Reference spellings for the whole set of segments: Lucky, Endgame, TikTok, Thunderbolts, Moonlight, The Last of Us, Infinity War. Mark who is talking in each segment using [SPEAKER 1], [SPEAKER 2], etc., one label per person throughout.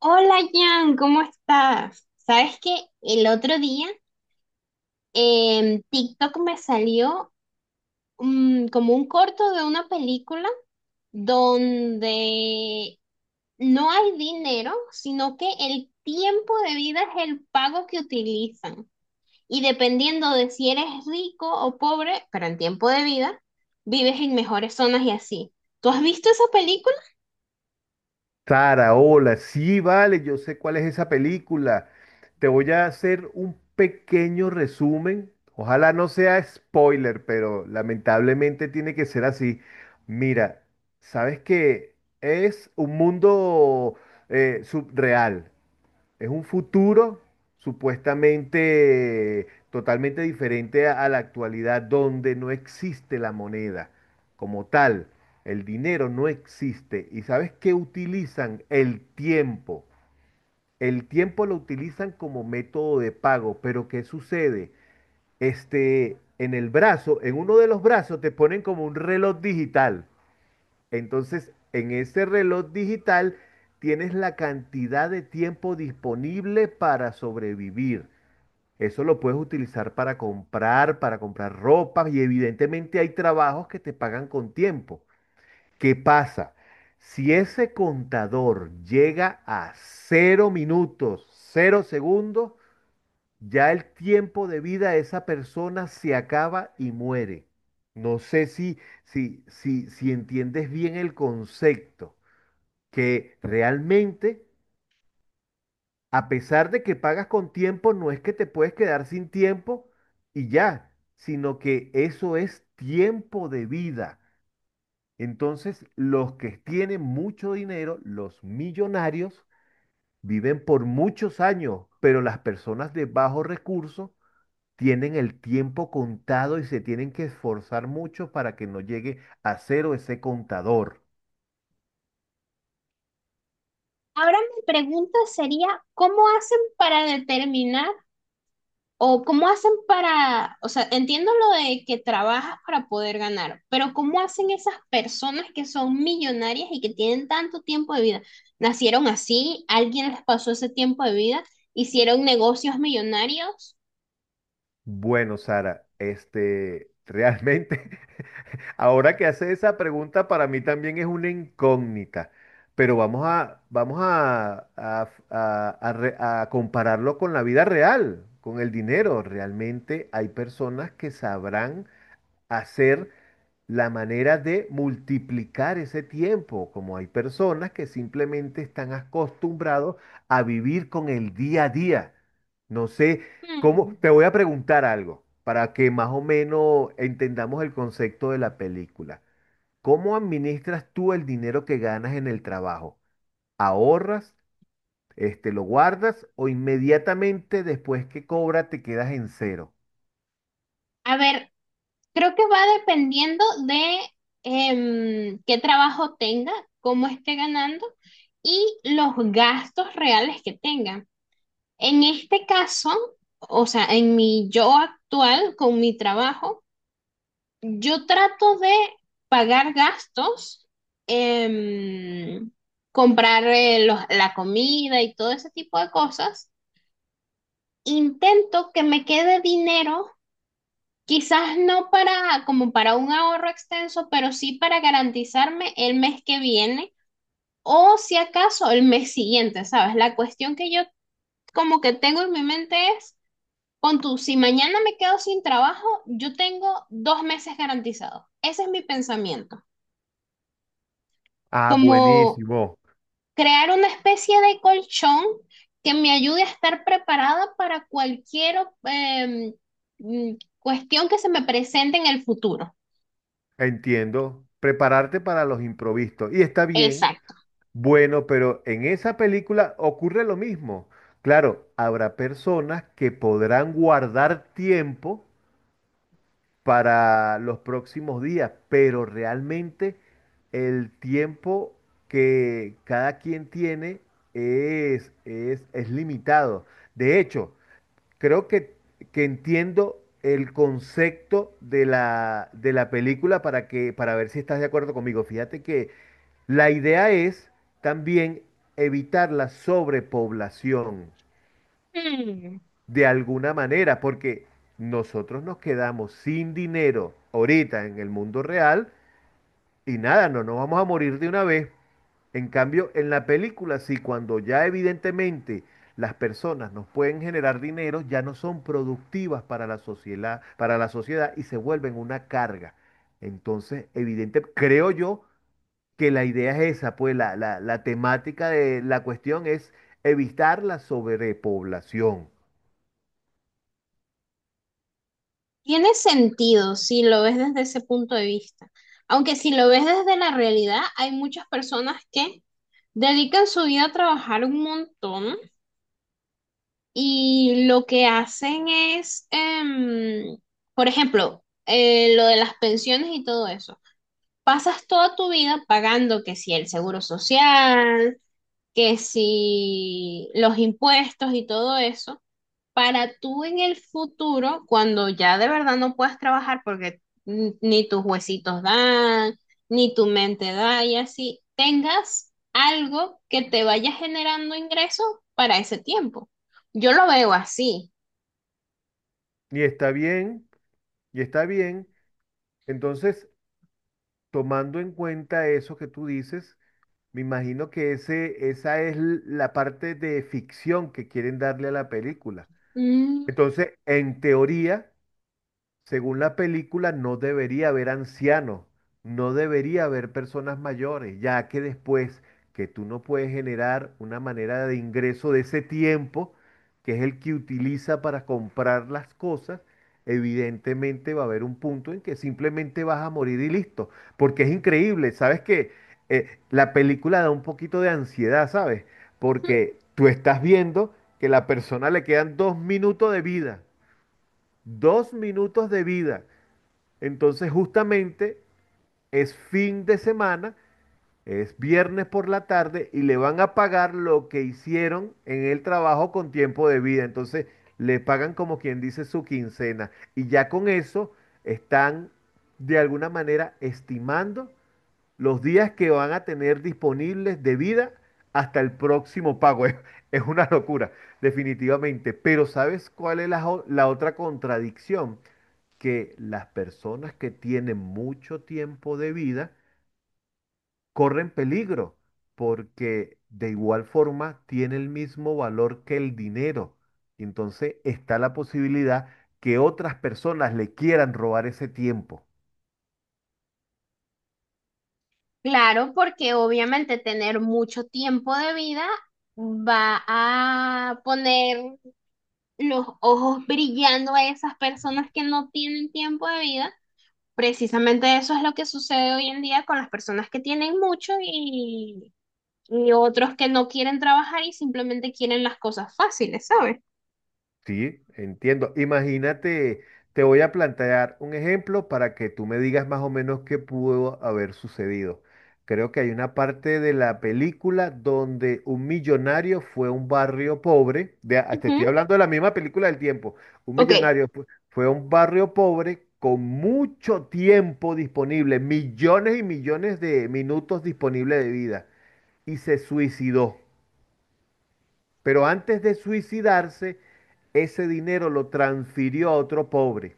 [SPEAKER 1] Hola Jan, ¿cómo estás? Sabes que el otro día en TikTok me salió como un corto de una película donde no hay dinero, sino que el tiempo de vida es el pago que utilizan. Y dependiendo de si eres rico o pobre, pero en tiempo de vida, vives en mejores zonas y así. ¿Tú has visto esa película?
[SPEAKER 2] Hola, sí, vale, yo sé cuál es esa película. Te voy a hacer un pequeño resumen. Ojalá no sea spoiler, pero lamentablemente tiene que ser así. Mira, sabes que es un mundo subreal. Es un futuro supuestamente totalmente diferente a la actualidad, donde no existe la moneda como tal. El dinero no existe. ¿Y sabes qué utilizan? El tiempo. El tiempo lo utilizan como método de pago, pero ¿qué sucede? En el brazo, en uno de los brazos te ponen como un reloj digital. Entonces, en ese reloj digital tienes la cantidad de tiempo disponible para sobrevivir. Eso lo puedes utilizar para comprar ropa y evidentemente hay trabajos que te pagan con tiempo. ¿Qué pasa? Si ese contador llega a 0 minutos, 0 segundos, ya el tiempo de vida de esa persona se acaba y muere. No sé si entiendes bien el concepto, que realmente, a pesar de que pagas con tiempo, no es que te puedes quedar sin tiempo y ya, sino que eso es tiempo de vida. Entonces, los que tienen mucho dinero, los millonarios, viven por muchos años, pero las personas de bajo recursos tienen el tiempo contado y se tienen que esforzar mucho para que no llegue a cero ese contador.
[SPEAKER 1] Ahora mi pregunta sería, ¿cómo hacen para determinar? O cómo hacen para, o sea, entiendo lo de que trabajas para poder ganar, pero cómo hacen esas personas que son millonarias y que tienen tanto tiempo de vida. Nacieron así, alguien les pasó ese tiempo de vida, hicieron negocios millonarios.
[SPEAKER 2] Bueno, Sara, realmente, ahora que hace esa pregunta, para mí también es una incógnita, pero vamos a, vamos a re- a compararlo con la vida real, con el dinero. Realmente hay personas que sabrán hacer la manera de multiplicar ese tiempo, como hay personas que simplemente están acostumbrados a vivir con el día a día. No sé cómo,
[SPEAKER 1] Hmm.
[SPEAKER 2] te voy a preguntar algo para que más o menos entendamos el concepto de la película. ¿Cómo administras tú el dinero que ganas en el trabajo? ¿Ahorras, lo guardas, o inmediatamente después que cobra te quedas en cero?
[SPEAKER 1] A ver, creo que va dependiendo de qué trabajo tenga, cómo esté ganando y los gastos reales que tengan. En este caso, o sea, en mi yo actual, con mi trabajo, yo trato de pagar gastos, em, comprar la comida y todo ese tipo de cosas. Intento que me quede dinero, quizás no para como para un ahorro extenso, pero sí para garantizarme el mes que viene o si acaso el mes siguiente, ¿sabes? La cuestión que yo como que tengo en mi mente es, pon tú, si mañana me quedo sin trabajo, yo tengo dos meses garantizados. Ese es mi pensamiento.
[SPEAKER 2] Ah,
[SPEAKER 1] Como
[SPEAKER 2] buenísimo.
[SPEAKER 1] crear una especie de colchón que me ayude a estar preparada para cualquier em, cuestión que se me presente en el futuro.
[SPEAKER 2] Entiendo. Prepararte para los improvistos. Y está bien,
[SPEAKER 1] Exacto.
[SPEAKER 2] bueno, pero en esa película ocurre lo mismo. Claro, habrá personas que podrán guardar tiempo para los próximos días, pero realmente el tiempo que cada quien tiene es limitado. De hecho, creo que entiendo el concepto de de la película, para que, para ver si estás de acuerdo conmigo. Fíjate que la idea es también evitar la sobrepoblación
[SPEAKER 1] Hmm.
[SPEAKER 2] de alguna manera, porque nosotros nos quedamos sin dinero ahorita en el mundo real y nada, no nos vamos a morir de una vez. En cambio, en la película, sí, cuando ya evidentemente las personas nos pueden generar dinero, ya no son productivas para la sociedad, y se vuelven una carga. Entonces, evidente, creo yo que la idea es esa, pues la temática de la cuestión es evitar la sobrepoblación.
[SPEAKER 1] Tiene sentido si lo ves desde ese punto de vista. Aunque si lo ves desde la realidad, hay muchas personas que dedican su vida a trabajar un montón. Y lo que hacen es, por ejemplo, lo de las pensiones y todo eso. Pasas toda tu vida pagando que si el seguro social, que si los impuestos y todo eso. Para tú en el futuro, cuando ya de verdad no puedas trabajar porque ni tus huesitos dan, ni tu mente da y así, tengas algo que te vaya generando ingresos para ese tiempo. Yo lo veo así.
[SPEAKER 2] Y está bien, y está bien. Entonces, tomando en cuenta eso que tú dices, me imagino que ese, esa es la parte de ficción que quieren darle a la película.
[SPEAKER 1] Mm,
[SPEAKER 2] Entonces, en teoría, según la película, no debería haber ancianos, no debería haber personas mayores, ya que después que tú no puedes generar una manera de ingreso de ese tiempo, que es el que utiliza para comprar las cosas, evidentemente va a haber un punto en que simplemente vas a morir y listo, porque es increíble, ¿sabes qué? La película da un poquito de ansiedad, ¿sabes?
[SPEAKER 1] ujú.
[SPEAKER 2] Porque tú estás viendo que la persona le quedan 2 minutos de vida, 2 minutos de vida. Entonces, justamente es fin de semana, es viernes por la tarde y le van a pagar lo que hicieron en el trabajo con tiempo de vida. Entonces, le pagan como quien dice su quincena. Y ya con eso están de alguna manera estimando los días que van a tener disponibles de vida hasta el próximo pago. Es una locura, definitivamente. Pero ¿sabes cuál es la otra contradicción? Que las personas que tienen mucho tiempo de vida corren peligro, porque de igual forma tiene el mismo valor que el dinero. Entonces está la posibilidad que otras personas le quieran robar ese tiempo.
[SPEAKER 1] Claro, porque obviamente tener mucho tiempo de vida va a poner los ojos brillando a esas personas que no tienen tiempo de vida. Precisamente eso es lo que sucede hoy en día con las personas que tienen mucho y otros que no quieren trabajar y simplemente quieren las cosas fáciles, ¿sabes?
[SPEAKER 2] Sí, entiendo. Imagínate, te voy a plantear un ejemplo para que tú me digas más o menos qué pudo haber sucedido. Creo que hay una parte de la película donde un millonario fue a un barrio pobre, de, ah, te estoy
[SPEAKER 1] Ujú.
[SPEAKER 2] hablando de la misma película del tiempo, un
[SPEAKER 1] Ok.
[SPEAKER 2] millonario fue a un barrio pobre con mucho tiempo disponible, millones y millones de minutos disponibles de vida, y se suicidó. Pero antes de suicidarse, ese dinero lo transfirió a otro pobre.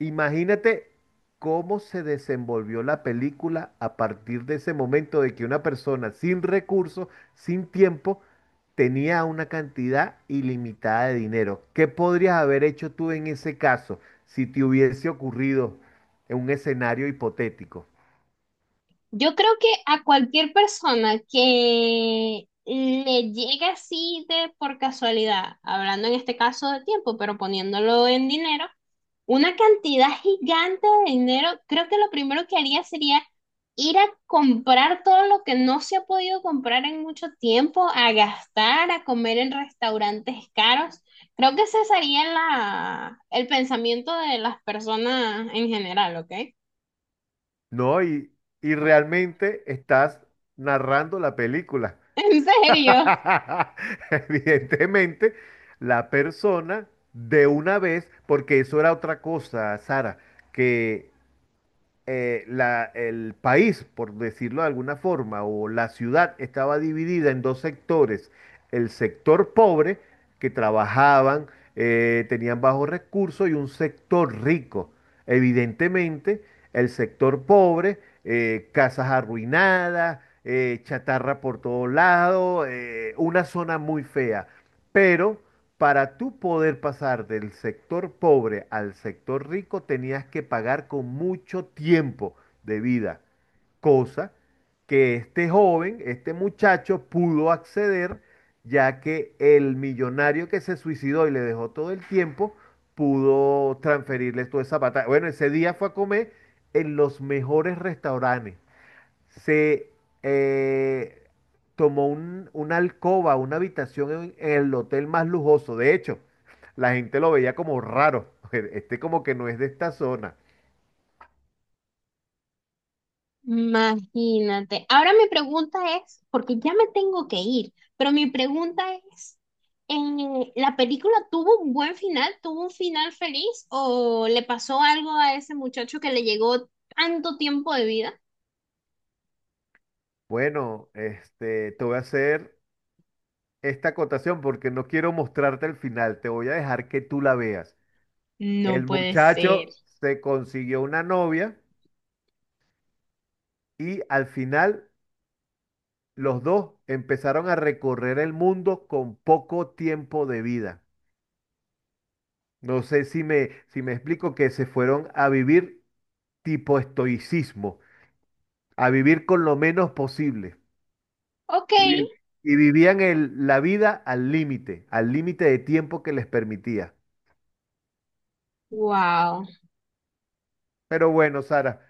[SPEAKER 2] Imagínate cómo se desenvolvió la película a partir de ese momento, de que una persona sin recursos, sin tiempo, tenía una cantidad ilimitada de dinero. ¿Qué podrías haber hecho tú en ese caso si te hubiese ocurrido en un escenario hipotético?
[SPEAKER 1] Yo creo que a cualquier persona que le llegue así de por casualidad, hablando en este caso de tiempo, pero poniéndolo en dinero, una cantidad gigante de dinero, creo que lo primero que haría sería ir a comprar todo lo que no se ha podido comprar en mucho tiempo, a gastar, a comer en restaurantes caros. Creo que ese sería la, el pensamiento de las personas en general, ¿ok?
[SPEAKER 2] No, y realmente estás narrando la película.
[SPEAKER 1] En serio.
[SPEAKER 2] Evidentemente, la persona de una vez, porque eso era otra cosa, Sara, que el país, por decirlo de alguna forma, o la ciudad estaba dividida en dos sectores. El sector pobre, que trabajaban, tenían bajos recursos, y un sector rico. Evidentemente, el sector pobre, casas arruinadas, chatarra por todos lados, una zona muy fea. Pero para tú poder pasar del sector pobre al sector rico, tenías que pagar con mucho tiempo de vida, cosa que este joven, este muchacho pudo acceder, ya que el millonario que se suicidó y le dejó todo el tiempo, pudo transferirle toda esa batalla. Bueno, ese día fue a comer en los mejores restaurantes, se eh, tomó una alcoba, una habitación en, el hotel más lujoso. De hecho, la gente lo veía como raro. Este como que no es de esta zona.
[SPEAKER 1] Imagínate. Ahora mi pregunta es, porque ya me tengo que ir, pero mi pregunta es, ¿la película tuvo un buen final? ¿Tuvo un final feliz? ¿O le pasó algo a ese muchacho que le llegó tanto tiempo de vida?
[SPEAKER 2] Bueno, te voy a hacer esta acotación porque no quiero mostrarte el final. Te voy a dejar que tú la veas.
[SPEAKER 1] No
[SPEAKER 2] El
[SPEAKER 1] puede ser.
[SPEAKER 2] muchacho se consiguió una novia y al final los dos empezaron a recorrer el mundo con poco tiempo de vida. No sé si me, si me explico, que se fueron a vivir tipo estoicismo, a vivir con lo menos posible.
[SPEAKER 1] Ok.
[SPEAKER 2] Y, vi- y vivían la vida al límite de tiempo que les permitía.
[SPEAKER 1] Wow.
[SPEAKER 2] Pero bueno, Sara,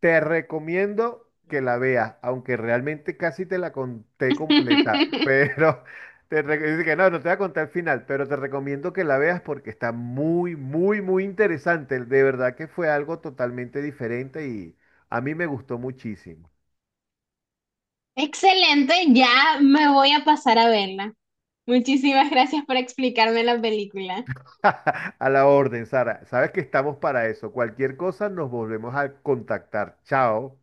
[SPEAKER 2] te recomiendo que la veas, aunque realmente casi te la conté completa, pero dice que no, no te voy a contar el final, pero te recomiendo que la veas porque está muy, muy, muy interesante. De verdad que fue algo totalmente diferente y a mí me gustó muchísimo.
[SPEAKER 1] Excelente, ya me voy a pasar a verla. Muchísimas gracias por explicarme la película.
[SPEAKER 2] A la orden, Sara. Sabes que estamos para eso. Cualquier cosa nos volvemos a contactar. Chao.